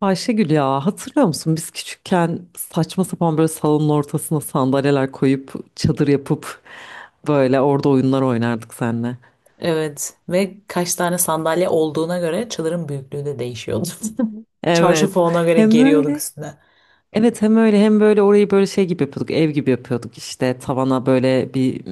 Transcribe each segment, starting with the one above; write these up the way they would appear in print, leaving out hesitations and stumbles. Ayşegül ya hatırlıyor musun biz küçükken saçma sapan böyle salonun ortasına sandalyeler koyup çadır yapıp böyle orada oyunlar oynardık seninle. Evet ve kaç tane sandalye olduğuna göre çadırın büyüklüğü de değişiyordu. Çarşafı Evet ona göre hem geriyorduk böyle üstüne. evet hem öyle hem böyle orayı böyle şey gibi yapıyorduk, ev gibi yapıyorduk, işte tavana böyle bir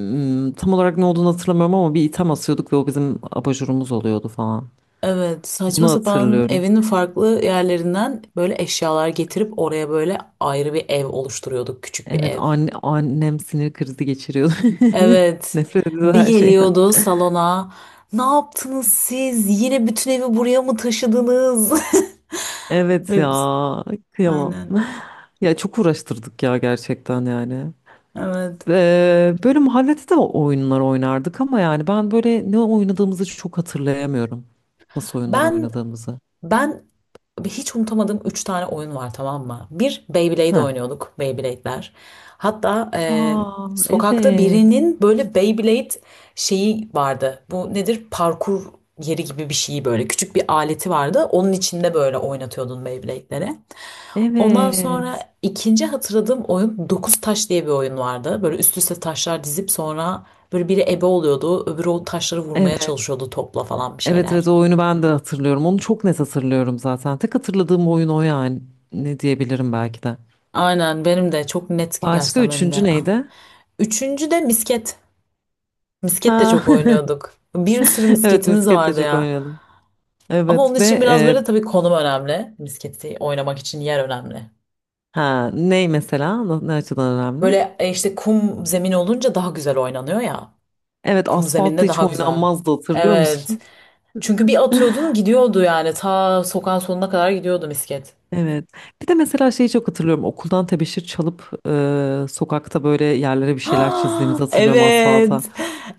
tam olarak ne olduğunu hatırlamıyorum ama bir item asıyorduk ve o bizim abajurumuz oluyordu falan. Evet saçma Bunu sapan hatırlıyorum. evinin farklı yerlerinden böyle eşyalar getirip oraya böyle ayrı bir ev oluşturuyorduk. Küçük bir Evet ev. Annem sinir krizi geçiriyordu. Evet Nefret ediyordu bir her şeyden. geliyordu salona. Ne yaptınız siz? Yine bütün evi buraya mı taşıdınız? Evet Ve biz- ya, kıyamam. Aynen. Ya çok uğraştırdık ya, gerçekten yani. Evet. Böyle mahallede de oyunlar oynardık ama yani ben böyle ne oynadığımızı çok hatırlayamıyorum. Nasıl oyunlar Ben oynadığımızı. ben Abi, hiç unutamadığım 3 tane oyun var, tamam mı? Bir, Beyblade Heh. oynuyorduk. Beyblade'ler. Hatta Aa, sokakta evet. birinin böyle Beyblade şeyi vardı. Bu nedir? Parkur yeri gibi bir şeyi böyle. Küçük bir aleti vardı. Onun içinde böyle oynatıyordun Beyblade'leri. Ondan sonra Evet. ikinci hatırladığım oyun, Dokuz Taş diye bir oyun vardı. Böyle üst üste taşlar dizip sonra böyle biri ebe oluyordu. Öbürü o taşları vurmaya Evet. çalışıyordu topla falan, bir Evet şeyler. evet, o oyunu ben de hatırlıyorum. Onu çok net hatırlıyorum zaten. Tek hatırladığım oyun o yani. Ne diyebilirim belki de. Aynen, benim de çok net, Başka gerçekten benim üçüncü de. Neydi? Üçüncü de misket. Misket de Ha. çok oynuyorduk. Bir sürü Evet, misketimiz misket de vardı çok ya. oynadım. Ama onun Evet ve için biraz böyle tabii konum önemli. Misketi oynamak için yer önemli. ha, ney mesela? Ne açıdan önemli? Böyle işte kum zemin olunca daha güzel oynanıyor ya. Evet, Kum asfaltta zeminde hiç daha güzel. oynanmazdı, hatırlıyor Evet. musun? Çünkü bir atıyordun gidiyordu yani. Ta sokağın sonuna kadar gidiyordu misket. Evet. Bir de mesela şeyi çok hatırlıyorum. Okuldan tebeşir çalıp sokakta böyle yerlere bir şeyler çizdiğimizi Ha, hatırlıyorum, asfalta. evet.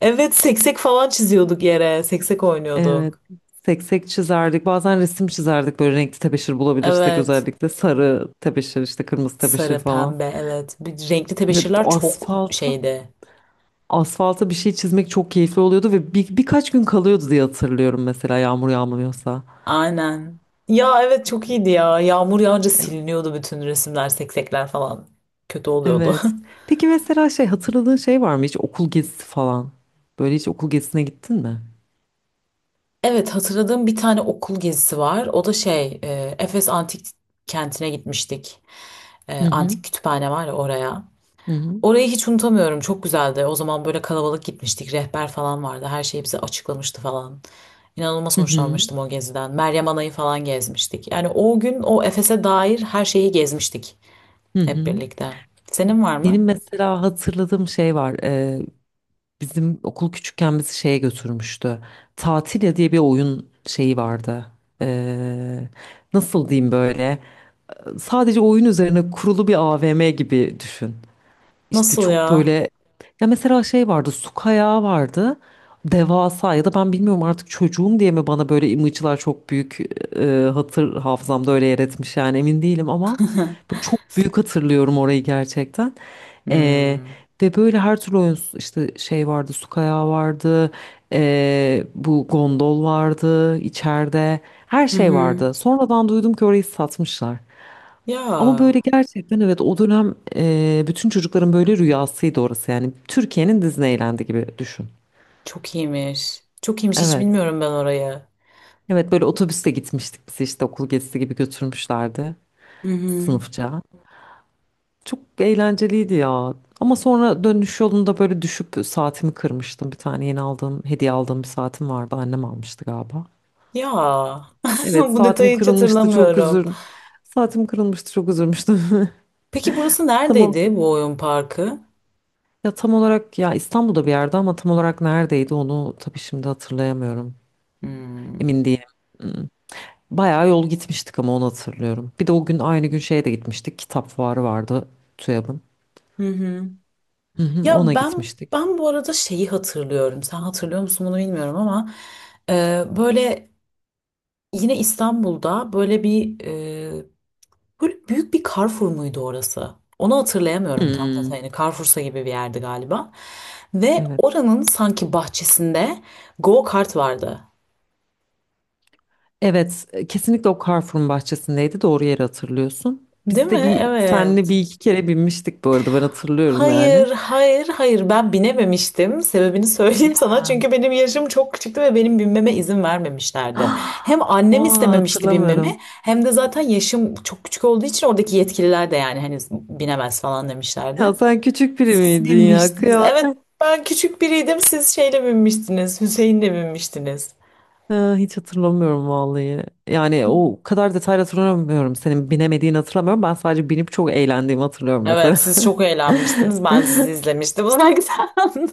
Evet, seksek falan çiziyorduk yere. Seksek Evet. oynuyorduk. Seksek çizerdik. Bazen resim çizerdik, böyle renkli tebeşir bulabilirsek, Evet. özellikle sarı tebeşir, işte kırmızı tebeşir Sarı, falan. pembe, evet. Bir, renkli Evet, tebeşirler çok asfalta şeydi. asfalta bir şey çizmek çok keyifli oluyordu ve bir, birkaç gün kalıyordu diye hatırlıyorum mesela, yağmur yağmıyorsa. Aynen. Ya evet, çok iyiydi ya. Yağmur yağınca siliniyordu bütün resimler, seksekler falan. Kötü oluyordu. Evet. Peki mesela şey hatırladığın şey var mı, hiç okul gezisi falan? Böyle hiç okul gezisine gittin mi? Evet, hatırladığım bir tane okul gezisi var. O da şey Efes Antik Kenti'ne gitmiştik. E, Hı hı. antik kütüphane var ya, oraya. Hı hı. Orayı hiç unutamıyorum. Çok güzeldi. O zaman böyle kalabalık gitmiştik. Rehber falan vardı. Her şeyi bize açıklamıştı falan. İnanılmaz Hı hı. hoşlanmıştım o geziden. Meryem Ana'yı falan gezmiştik. Yani o gün o Efes'e dair her şeyi gezmiştik Hı hep hı. birlikte. Senin var Benim mı? mesela hatırladığım şey var. Bizim okul küçükken bizi şeye götürmüştü. Tatilya diye bir oyun şeyi vardı. Ee, Nasıl diyeyim böyle? Sadece oyun üzerine kurulu bir AVM gibi düşün. İşte Nasıl çok ya? böyle, ya mesela şey vardı, su kayağı vardı, devasa, ya da ben bilmiyorum, artık çocuğum diye mi bana böyle imajlar çok büyük e, hatır hafızamda öyle yer etmiş yani, emin değilim ama böyle çok büyük hatırlıyorum orayı gerçekten. E, Hmm. Ve böyle her türlü oyun işte, şey vardı, su kayağı vardı, bu gondol vardı içeride, her Hı şey hı. vardı. Sonradan duydum ki orayı satmışlar. Ya Ama böyle gerçekten evet, o dönem bütün çocukların böyle rüyasıydı orası yani. Türkiye'nin Disneyland'i gibi düşün. çok iyiymiş. Çok iyiymiş. Hiç Evet. bilmiyorum ben orayı. Evet, böyle otobüste gitmiştik biz, işte okul gezisi gibi götürmüşlerdi Hı hı. sınıfça. Çok eğlenceliydi ya. Ama sonra dönüş yolunda böyle düşüp saatimi kırmıştım. Bir tane yeni aldığım, hediye aldığım bir saatim vardı. Annem almıştı galiba. Ya, Evet, bu saatim detayı hiç kırılmıştı, çok hatırlamıyorum. üzül. Saatim kırılmıştı, çok üzülmüştüm. Peki burası Tamam. neredeydi bu oyun parkı? Ya tam olarak, ya İstanbul'da bir yerde ama tam olarak neredeydi, onu tabii şimdi hatırlayamıyorum. Hmm. Emin değilim. Hmm. Bayağı yol gitmiştik ama, onu hatırlıyorum. Bir de o gün, aynı gün şeye de gitmiştik. Kitap fuarı vardı TÜYAB'ın. Hı hı. Hı hı, Ya ona ben gitmiştik. ben bu arada şeyi hatırlıyorum. Sen hatırlıyor musun bunu bilmiyorum ama böyle yine İstanbul'da böyle bir böyle büyük bir Carrefour muydu orası? Onu hatırlayamıyorum tam Hmm, detayını. Hani Carrefour'sa gibi bir yerdi galiba. Ve evet. oranın sanki bahçesinde go kart vardı. Evet, kesinlikle o Carrefour'un bahçesindeydi. Doğru yeri hatırlıyorsun. Değil Biz mi? de bir senle Evet. bir iki kere binmiştik bu arada, ben hatırlıyorum yani. Hayır, hayır, hayır. Ben binememiştim. Sebebini söyleyeyim Ya. sana. Çünkü benim yaşım çok küçüktü ve benim binmeme izin vermemişlerdi. Hem annem Aa, istememişti hatırlamıyorum. binmemi, hem de zaten yaşım çok küçük olduğu için oradaki yetkililer de yani hani binemez falan demişlerdi. Ya sen küçük biri Siz miydin ya? binmiştiniz. Evet, ben küçük biriydim. Siz şeyle binmiştiniz. Hüseyin'le binmiştiniz. Ha, hiç hatırlamıyorum vallahi. Yani o kadar detaylı hatırlamıyorum. Senin binemediğini hatırlamıyorum. Ben sadece binip çok eğlendiğimi hatırlıyorum Evet, mesela. siz çok eğlenmiştiniz. Ben sizi izlemiştim uzaktan.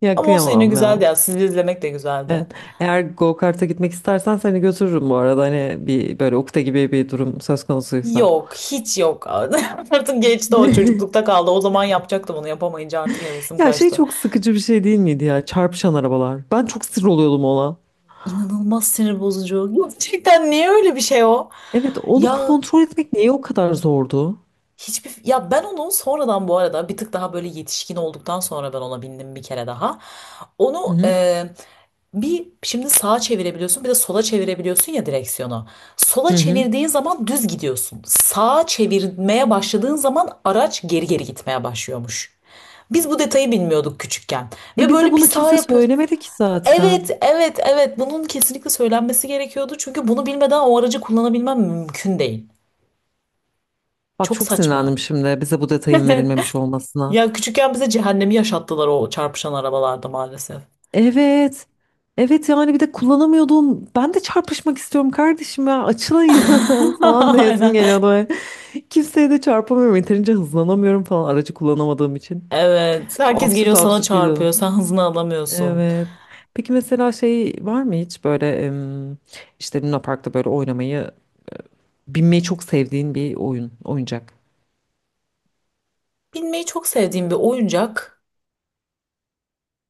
Ya Ama olsa yine kıyamam güzeldi ya. ya. Sizi izlemek de güzeldi. Evet. Eğer go-kart'a gitmek istersen seni götürürüm bu arada. Hani bir böyle ukde gibi bir durum söz konusuysa. Yok, hiç yok. Artık geçti, o çocuklukta kaldı. O zaman yapacaktım, onu yapamayınca artık hevesim Ya şey kaçtı. çok sıkıcı bir şey değil miydi ya? Çarpışan arabalar. Ben çok sinir oluyordum ona. İnanılmaz sinir bozucu. Gerçekten niye öyle bir şey o? Evet, onu Ya kontrol etmek niye o kadar zordu? hiçbir, ya ben onu sonradan bu arada bir tık daha böyle yetişkin olduktan sonra ben ona bindim bir kere daha. Hı Onu hı. Bir şimdi sağa çevirebiliyorsun, bir de sola çevirebiliyorsun ya direksiyonu. Sola Hı hı. çevirdiğin zaman düz gidiyorsun. Sağa çevirmeye başladığın zaman araç geri geri gitmeye başlıyormuş. Biz bu detayı bilmiyorduk küçükken. E Ve bize böyle bir bunu saha kimse yapıyoruz. söylemedi ki zaten. Evet, evet, evet. Bunun kesinlikle söylenmesi gerekiyordu. Çünkü bunu bilmeden o aracı kullanabilmem mümkün değil. Bak, Çok çok sinirlendim saçma. şimdi bize bu detayın verilmemiş olmasına. Ya küçükken bize cehennemi yaşattılar o çarpışan arabalarda maalesef. Evet. Evet yani, bir de kullanamıyordum. Ben de çarpışmak istiyorum kardeşim ya. Açılın ya falan diyesim Aynen. geliyordu. Böyle. Kimseye de çarpamıyorum. Yeterince hızlanamıyorum falan, aracı kullanamadığım için. Evet. Herkes Absürt geliyor, sana absürt gidiyordum. çarpıyor. Sen hızını alamıyorsun. Evet. Peki mesela şey var mı hiç, böyle işte Luna Park'ta böyle oynamayı, binmeyi çok sevdiğin bir oyun, oyuncak. Binmeyi çok sevdiğim bir oyuncak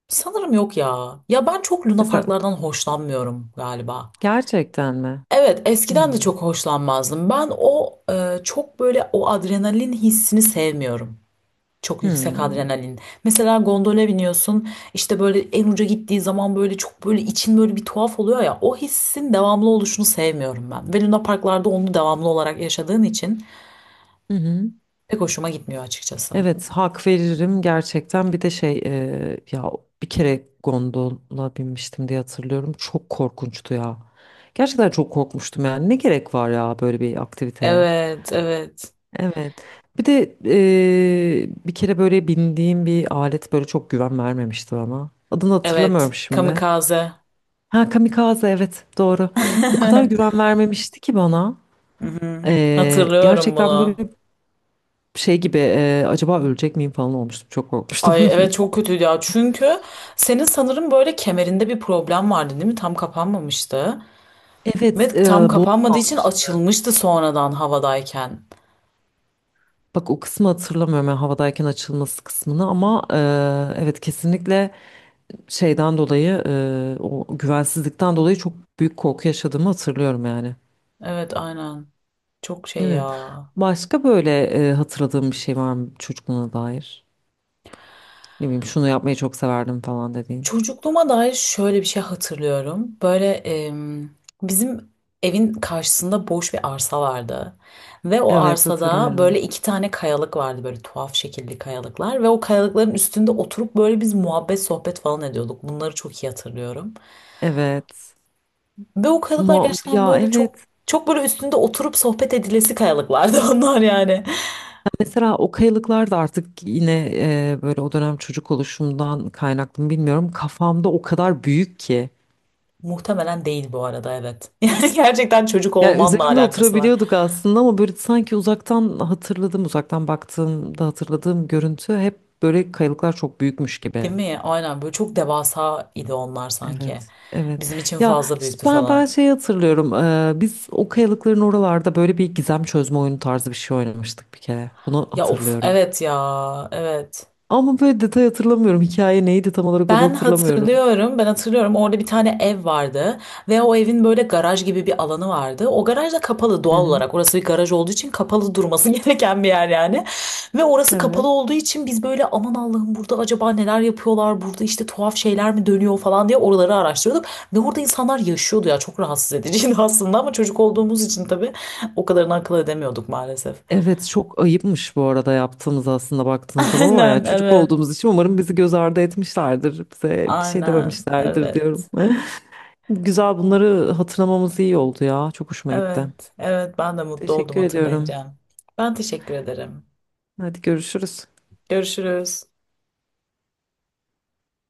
sanırım yok ya. Ya ben çok Mesela lunaparklardan hoşlanmıyorum galiba. gerçekten mi? Evet, eskiden de Hmm. çok hoşlanmazdım. Ben o çok böyle o adrenalin hissini sevmiyorum. Çok yüksek Hmm. adrenalin. Mesela gondola biniyorsun, işte böyle en uca gittiği zaman böyle çok böyle için böyle bir tuhaf oluyor ya. O hissin devamlı oluşunu sevmiyorum ben. Ve Luna Parklarda onu devamlı olarak yaşadığın için Hı hı. pek hoşuma gitmiyor açıkçası. Evet, hak veririm gerçekten. Bir de şey ya, bir kere gondola binmiştim diye hatırlıyorum, çok korkunçtu ya, gerçekten çok korkmuştum yani. Ne gerek var ya böyle bir aktiviteye, Evet, evet, evet. Bir de bir kere böyle bindiğim bir alet böyle çok güven vermemişti bana, adını hatırlamıyorum evet. şimdi. Kamikaze. Ha, kamikaze, evet doğru. O kadar güven vermemişti ki bana. Evet. Hı hı. Hatırlıyorum Gerçekten böyle bunu. şey gibi, acaba ölecek miyim falan olmuştum, çok korkmuştum. Ay evet, çok kötüydü ya. Çünkü senin sanırım böyle kemerinde bir problem vardı değil mi? Tam kapanmamıştı. Evet, Ve tam bu kapanmadığı için almıştı. açılmıştı sonradan havadayken. Bak, o kısmı hatırlamıyorum yani, havadayken açılması kısmını, ama evet, kesinlikle şeyden dolayı, o güvensizlikten dolayı çok büyük korku yaşadığımı hatırlıyorum yani. Evet aynen. Çok şey ya. Evet. Başka böyle hatırladığım bir şey var mı çocukluğuna dair? Ne bileyim, şunu yapmayı çok severdim falan dediğin. Çocukluğuma dair şöyle bir şey hatırlıyorum. Böyle bizim evin karşısında boş bir arsa vardı. Ve o Evet, arsada hatırlıyorum. böyle iki tane kayalık vardı. Böyle tuhaf şekilli kayalıklar. Ve o kayalıkların üstünde oturup böyle biz muhabbet sohbet falan ediyorduk. Bunları çok iyi hatırlıyorum. Evet. Ve o kayalıklar Mu- gerçekten ya, böyle çok evet. çok böyle üstünde oturup sohbet edilesi kayalıklardı onlar yani. Mesela o kayalıklar da artık yine böyle o dönem çocuk oluşumdan kaynaklı mı bilmiyorum. Kafamda o kadar büyük ki. Muhtemelen değil bu arada, evet. Yani gerçekten çocuk Yani olmanla üzerinde alakası var. oturabiliyorduk aslında ama böyle sanki uzaktan hatırladım, uzaktan baktığımda hatırladığım görüntü hep böyle kayalıklar çok büyükmüş gibi. Değil mi? Aynen, böyle çok devasa idi onlar sanki. Evet, evet. Bizim için Ya fazla işte büyüktü ben falan. şeyi hatırlıyorum. Biz o kayalıkların oralarda böyle bir gizem çözme oyunu tarzı bir şey oynamıştık bir kere. Bunu Ya of hatırlıyorum. evet, ya evet. Ama böyle detay hatırlamıyorum. Hikaye neydi tam olarak, onu Ben hatırlamıyorum. hatırlıyorum, ben hatırlıyorum. Orada bir tane ev vardı ve o evin böyle garaj gibi bir alanı vardı. O garaj da kapalı Hı doğal hı. olarak. Orası bir garaj olduğu için kapalı durması gereken bir yer yani. Ve orası kapalı Evet. olduğu için biz böyle aman Allah'ım, burada acaba neler yapıyorlar? Burada işte tuhaf şeyler mi dönüyor falan diye oraları araştırıyorduk. Ve orada insanlar yaşıyordu ya, çok rahatsız ediciydi aslında ama çocuk olduğumuz için tabii o kadarını akıl edemiyorduk maalesef. Evet çok ayıpmış bu arada yaptığımız aslında baktığınız zaman, ama yani Aynen çocuk evet. olduğumuz için umarım bizi göz ardı etmişlerdir. Bize bir şey Aynen dememişlerdir diyorum. evet. Güzel, bunları hatırlamamız iyi oldu ya. Çok hoşuma gitti. Evet, evet, ben de mutlu oldum Teşekkür ediyorum. hatırlayınca. Ben teşekkür ederim. Hadi görüşürüz. Görüşürüz.